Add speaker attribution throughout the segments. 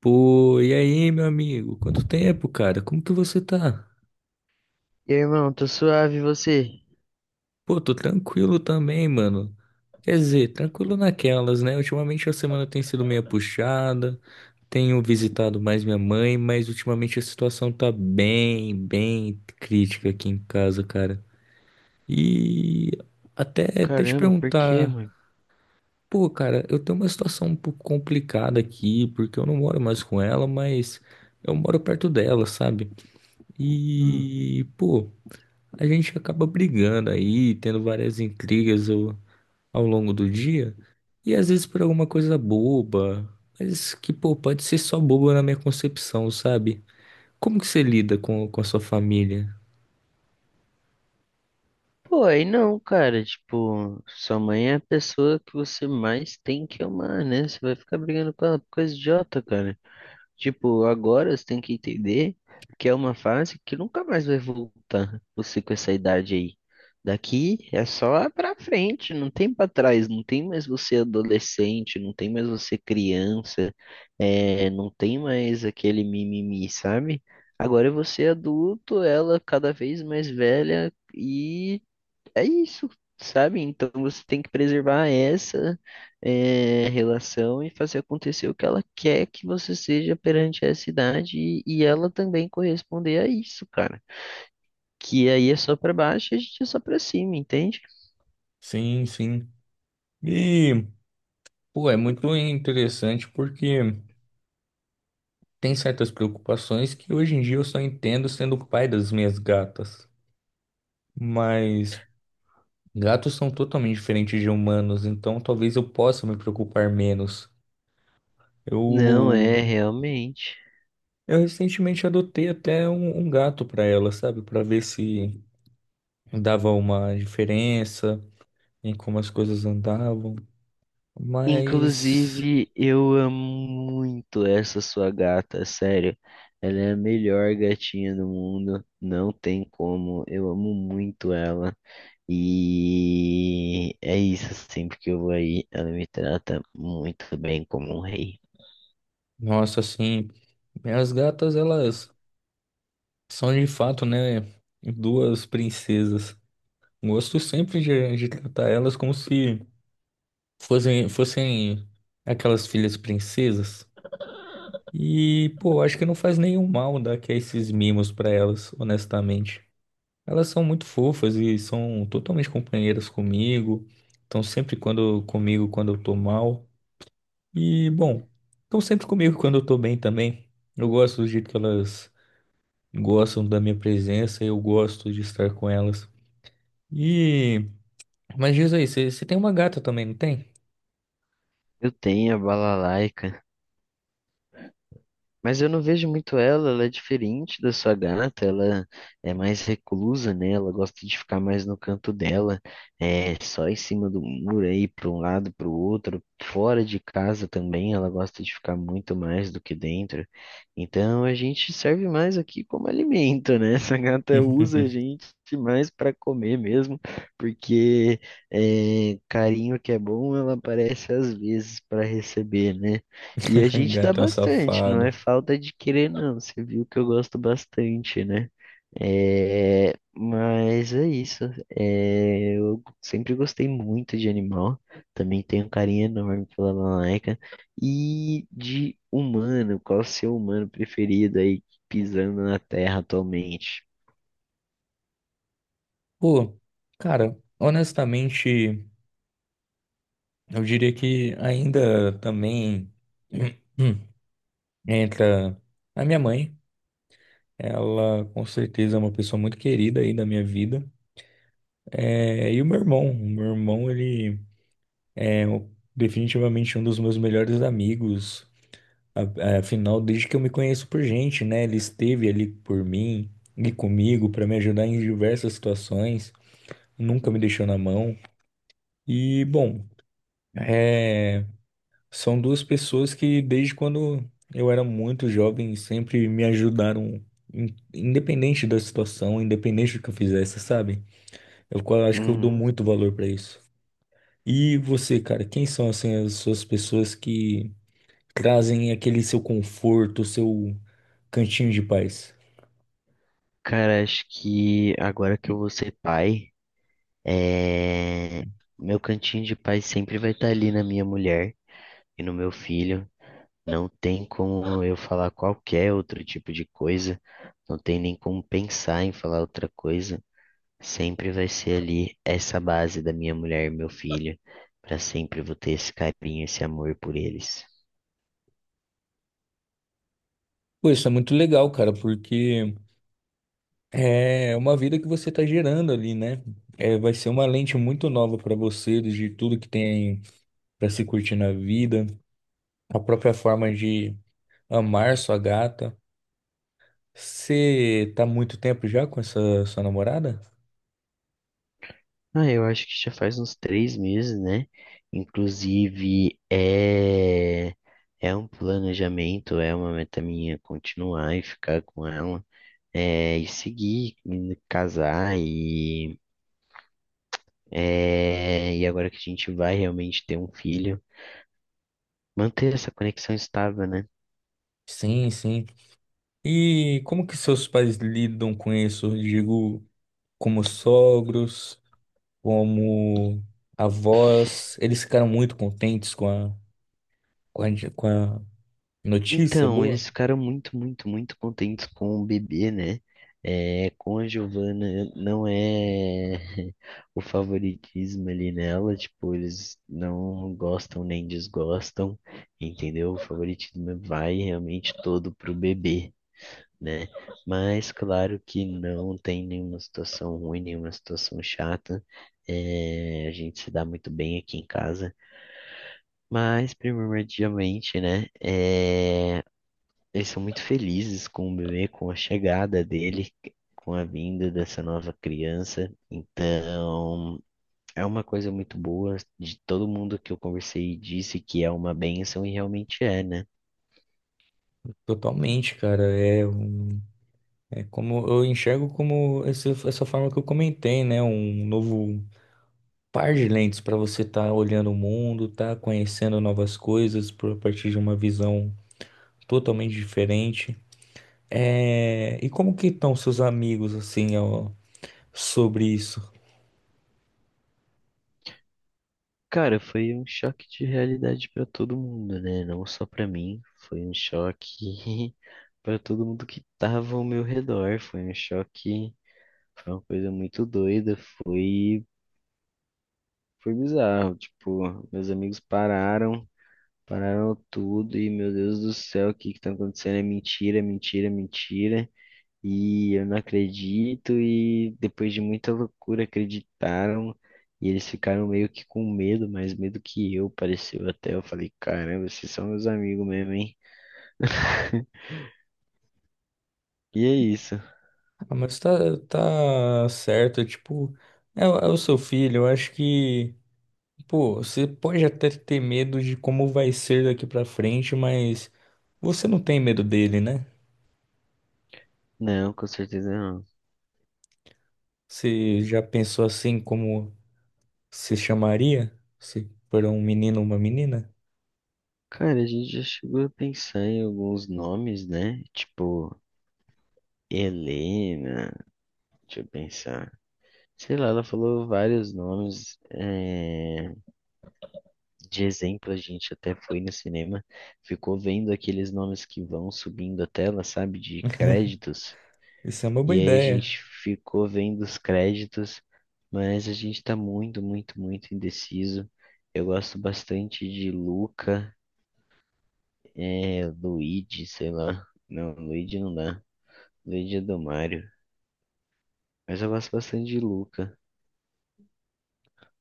Speaker 1: Pô, e aí, meu amigo? Quanto tempo, cara? Como que você tá?
Speaker 2: E aí, irmão, tô suave, e você?
Speaker 1: Pô, tô tranquilo também, mano. Quer dizer, tranquilo naquelas, né? Ultimamente a semana tem sido meio puxada, tenho visitado mais minha mãe, mas ultimamente a situação tá bem, bem crítica aqui em casa, cara. E até te
Speaker 2: Caramba, por quê,
Speaker 1: perguntar,
Speaker 2: mano?
Speaker 1: pô, cara, eu tenho uma situação um pouco complicada aqui, porque eu não moro mais com ela, mas eu moro perto dela, sabe?
Speaker 2: Hum.
Speaker 1: E, pô, a gente acaba brigando aí, tendo várias intrigas ao longo do dia, e às vezes por alguma coisa boba, mas que, pô, pode ser só boba na minha concepção, sabe? Como que você lida com a sua família?
Speaker 2: Pô, aí não, cara, tipo, sua mãe é a pessoa que você mais tem que amar, né? Você vai ficar brigando com ela por coisa idiota, cara. Tipo, agora você tem que entender que é uma fase que nunca mais vai voltar, você com essa idade aí. Daqui é só pra frente, não tem pra trás, não tem mais você adolescente, não tem mais você criança. É, não tem mais aquele mimimi, sabe? Agora é você adulto, ela cada vez mais velha e é isso, sabe? Então você tem que preservar essa, relação e fazer acontecer o que ela quer que você seja perante essa idade e ela também corresponder a isso, cara. Que aí é só pra baixo e a gente é só pra cima, entende?
Speaker 1: Sim, sim. E, pô, é muito interessante porque tem certas preocupações que hoje em dia eu só entendo sendo o pai das minhas gatas. Mas gatos são totalmente diferentes de humanos, então talvez eu possa me preocupar menos.
Speaker 2: Não,
Speaker 1: Eu
Speaker 2: é realmente.
Speaker 1: Eu recentemente adotei até um gato para ela, sabe? Para ver se dava uma diferença em como as coisas andavam. Mas,
Speaker 2: Inclusive, eu amo muito essa sua gata, sério. Ela é a melhor gatinha do mundo, não tem como. Eu amo muito ela. E é isso, sempre que eu vou aí, ela me trata muito bem como um rei.
Speaker 1: nossa, assim, as gatas, elas são de fato, né? Duas princesas. Gosto sempre de tratar elas como se fossem aquelas filhas princesas. E, pô, acho que não faz nenhum mal dar que esses mimos para elas, honestamente. Elas são muito fofas e são totalmente companheiras comigo. Estão sempre quando comigo quando eu tô mal. E, bom, estão sempre comigo quando eu tô bem também. Eu gosto do jeito que elas gostam da minha presença, eu gosto de estar com elas. E, mas diz aí, você tem uma gata também, não tem?
Speaker 2: Eu tenho a Balalaica, mas eu não vejo muito ela, ela é diferente da sua gata, ela é mais reclusa, né? Ela gosta de ficar mais no canto dela, é só em cima do muro aí, para um lado, para o outro, fora de casa também, ela gosta de ficar muito mais do que dentro. Então a gente serve mais aqui como alimento, né? Essa gata usa a gente mais para comer mesmo, porque carinho que é bom, ela aparece às vezes para receber, né? E a gente dá
Speaker 1: Gatão
Speaker 2: bastante, não
Speaker 1: safado.
Speaker 2: é falta de querer, não. Você viu que eu gosto bastante, né? É, mas é isso. É, eu sempre gostei muito de animal. Também tenho um carinho enorme pela Malaika. E de humano, qual o seu humano preferido aí pisando na Terra atualmente?
Speaker 1: Pô, cara, honestamente, eu diria que ainda também entra a minha mãe. Ela, com certeza, é uma pessoa muito querida aí da minha vida. É, e o meu irmão, ele é o- definitivamente um dos meus melhores amigos. É, afinal, desde que eu me conheço por gente, né? Ele esteve ali por mim e comigo para me ajudar em diversas situações. Nunca me deixou na mão. E, bom, é, são duas pessoas que, desde quando eu era muito jovem, sempre me ajudaram, independente da situação, independente do que eu fizesse, sabe? Acho que eu dou
Speaker 2: Uhum.
Speaker 1: muito valor pra isso. E você, cara, quem são assim as suas pessoas que trazem aquele seu conforto, seu cantinho de paz?
Speaker 2: Cara, acho que agora que eu vou ser pai, é, meu cantinho de pai sempre vai estar ali na minha mulher. E no meu filho, não tem como eu falar qualquer outro tipo de coisa, não tem nem como pensar em falar outra coisa. Sempre vai ser ali essa base da minha mulher e meu filho. Pra sempre vou ter esse carinho, esse amor por eles.
Speaker 1: Pô, isso é muito legal, cara, porque é uma vida que você tá gerando ali, né? É, vai ser uma lente muito nova pra você, de tudo que tem pra se curtir na vida, a própria forma de amar sua gata. Você tá há muito tempo já com essa sua namorada?
Speaker 2: Ah, eu acho que já faz uns três meses, né? Inclusive, é um planejamento, é uma meta minha continuar e ficar com ela, e seguir, e casar e é, e agora que a gente vai realmente ter um filho, manter essa conexão estável, né?
Speaker 1: Sim, sim. E como que seus pais lidam com isso? Digo, como sogros, como avós, eles ficaram muito contentes com a notícia
Speaker 2: Então,
Speaker 1: boa?
Speaker 2: eles ficaram muito contentes com o bebê, né? É, com a Giovana não é o favoritismo ali nela, tipo, eles não gostam nem desgostam, entendeu? O favoritismo vai realmente todo pro bebê, né? Mas claro que não tem nenhuma situação ruim, nenhuma situação chata. É, a gente se dá muito bem aqui em casa. Mas, primordialmente, né? Eles são muito felizes com o bebê, com a chegada dele, com a vinda dessa nova criança. Então, é uma coisa muito boa. De todo mundo que eu conversei disse que é uma bênção e realmente é, né?
Speaker 1: Totalmente, cara. É como eu enxergo como essa forma que eu comentei, né? Um novo par de lentes para você estar olhando o mundo, tá conhecendo novas coisas por, a partir de uma visão totalmente diferente. É, e como que estão seus amigos assim, ó? Sobre isso.
Speaker 2: Cara, foi um choque de realidade pra todo mundo, né? Não só pra mim, foi um choque pra todo mundo que tava ao meu redor, foi um choque, foi uma coisa muito doida, foi bizarro, tipo, meus amigos pararam, pararam tudo e meu Deus do céu, o que que tá acontecendo? É mentira, é mentira, é mentira e eu não acredito, e depois de muita loucura acreditaram, e eles ficaram meio que com medo, mais medo que eu, pareceu até. Eu falei, caramba, vocês são meus amigos mesmo, hein? E é isso.
Speaker 1: Ah, mas tá, tá certo, tipo, é, o é o seu filho, eu acho que, pô, você pode até ter medo de como vai ser daqui pra frente, mas você não tem medo dele, né?
Speaker 2: Não, com certeza não.
Speaker 1: Você já pensou assim como se chamaria? Se for um menino ou uma menina?
Speaker 2: Cara, a gente já chegou a pensar em alguns nomes, né? Tipo, Helena, deixa eu pensar. Sei lá, ela falou vários nomes. De exemplo, a gente até foi no cinema, ficou vendo aqueles nomes que vão subindo a tela, sabe, de créditos,
Speaker 1: Isso é uma boa
Speaker 2: e aí a
Speaker 1: ideia.
Speaker 2: gente ficou vendo os créditos, mas a gente tá muito indeciso. Eu gosto bastante de Luca, Luigi, sei lá. Não, Luigi não dá. Luigi é do Mario. Mas eu gosto bastante de Luca.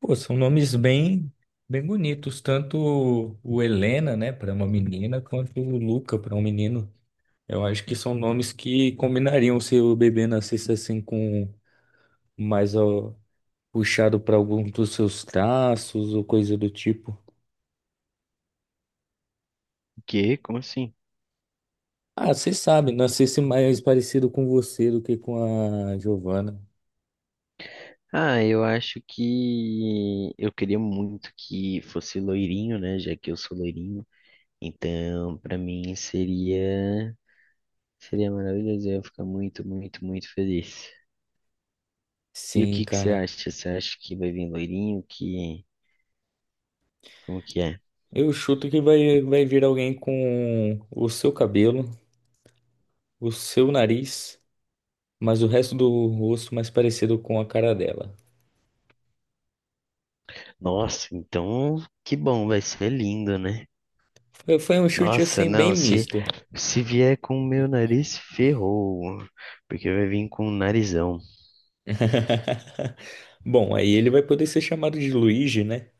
Speaker 1: Pô, são nomes bem, bem bonitos, tanto o Helena, né, para uma menina, quanto o Luca para um menino. Eu acho que são nomes que combinariam se o bebê nascesse assim com mais ó, puxado para algum dos seus traços ou coisa do tipo.
Speaker 2: Que? Como assim?
Speaker 1: Ah, você sabe, nascesse mais parecido com você do que com a Giovana.
Speaker 2: Ah, eu acho que eu queria muito que fosse loirinho, né? Já que eu sou loirinho. Então, para mim seria maravilhoso, eu ia ficar muito feliz. E o
Speaker 1: Sim,
Speaker 2: que que você
Speaker 1: cara.
Speaker 2: acha? Você acha que vai vir loirinho? Que como que é?
Speaker 1: Eu chuto que vai vir alguém com o seu cabelo, o seu nariz, mas o resto do rosto mais parecido com a cara dela.
Speaker 2: Nossa, então que bom, vai ser lindo, né?
Speaker 1: Foi um chute
Speaker 2: Nossa,
Speaker 1: assim bem
Speaker 2: não, se
Speaker 1: misto.
Speaker 2: se vier com o meu nariz ferrou, porque vai vir com o narizão.
Speaker 1: Bom, aí ele vai poder ser chamado de Luigi, né?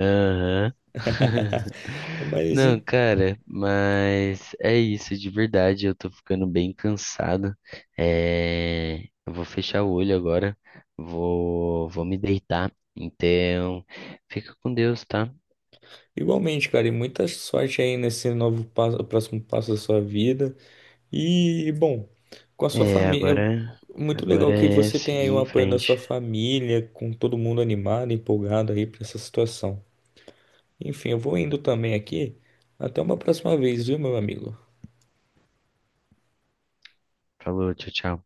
Speaker 2: Aham.
Speaker 1: Mas
Speaker 2: Não,
Speaker 1: em-
Speaker 2: cara, mas é isso, de verdade. Eu tô ficando bem cansado. É, eu vou fechar o olho agora. Vou me deitar. Então, fica com Deus, tá?
Speaker 1: Igualmente, cara, e muita sorte aí nesse novo passo, próximo passo da sua vida. E, bom, com a sua
Speaker 2: É,
Speaker 1: família,
Speaker 2: agora,
Speaker 1: é muito legal
Speaker 2: agora
Speaker 1: que
Speaker 2: é
Speaker 1: você tem aí
Speaker 2: seguir
Speaker 1: o
Speaker 2: em
Speaker 1: apoio da sua
Speaker 2: frente.
Speaker 1: família, com todo mundo animado, empolgado aí pra essa situação. Enfim, eu vou indo também aqui. Até uma próxima vez, viu, meu amigo?
Speaker 2: Falou, tchau, tchau.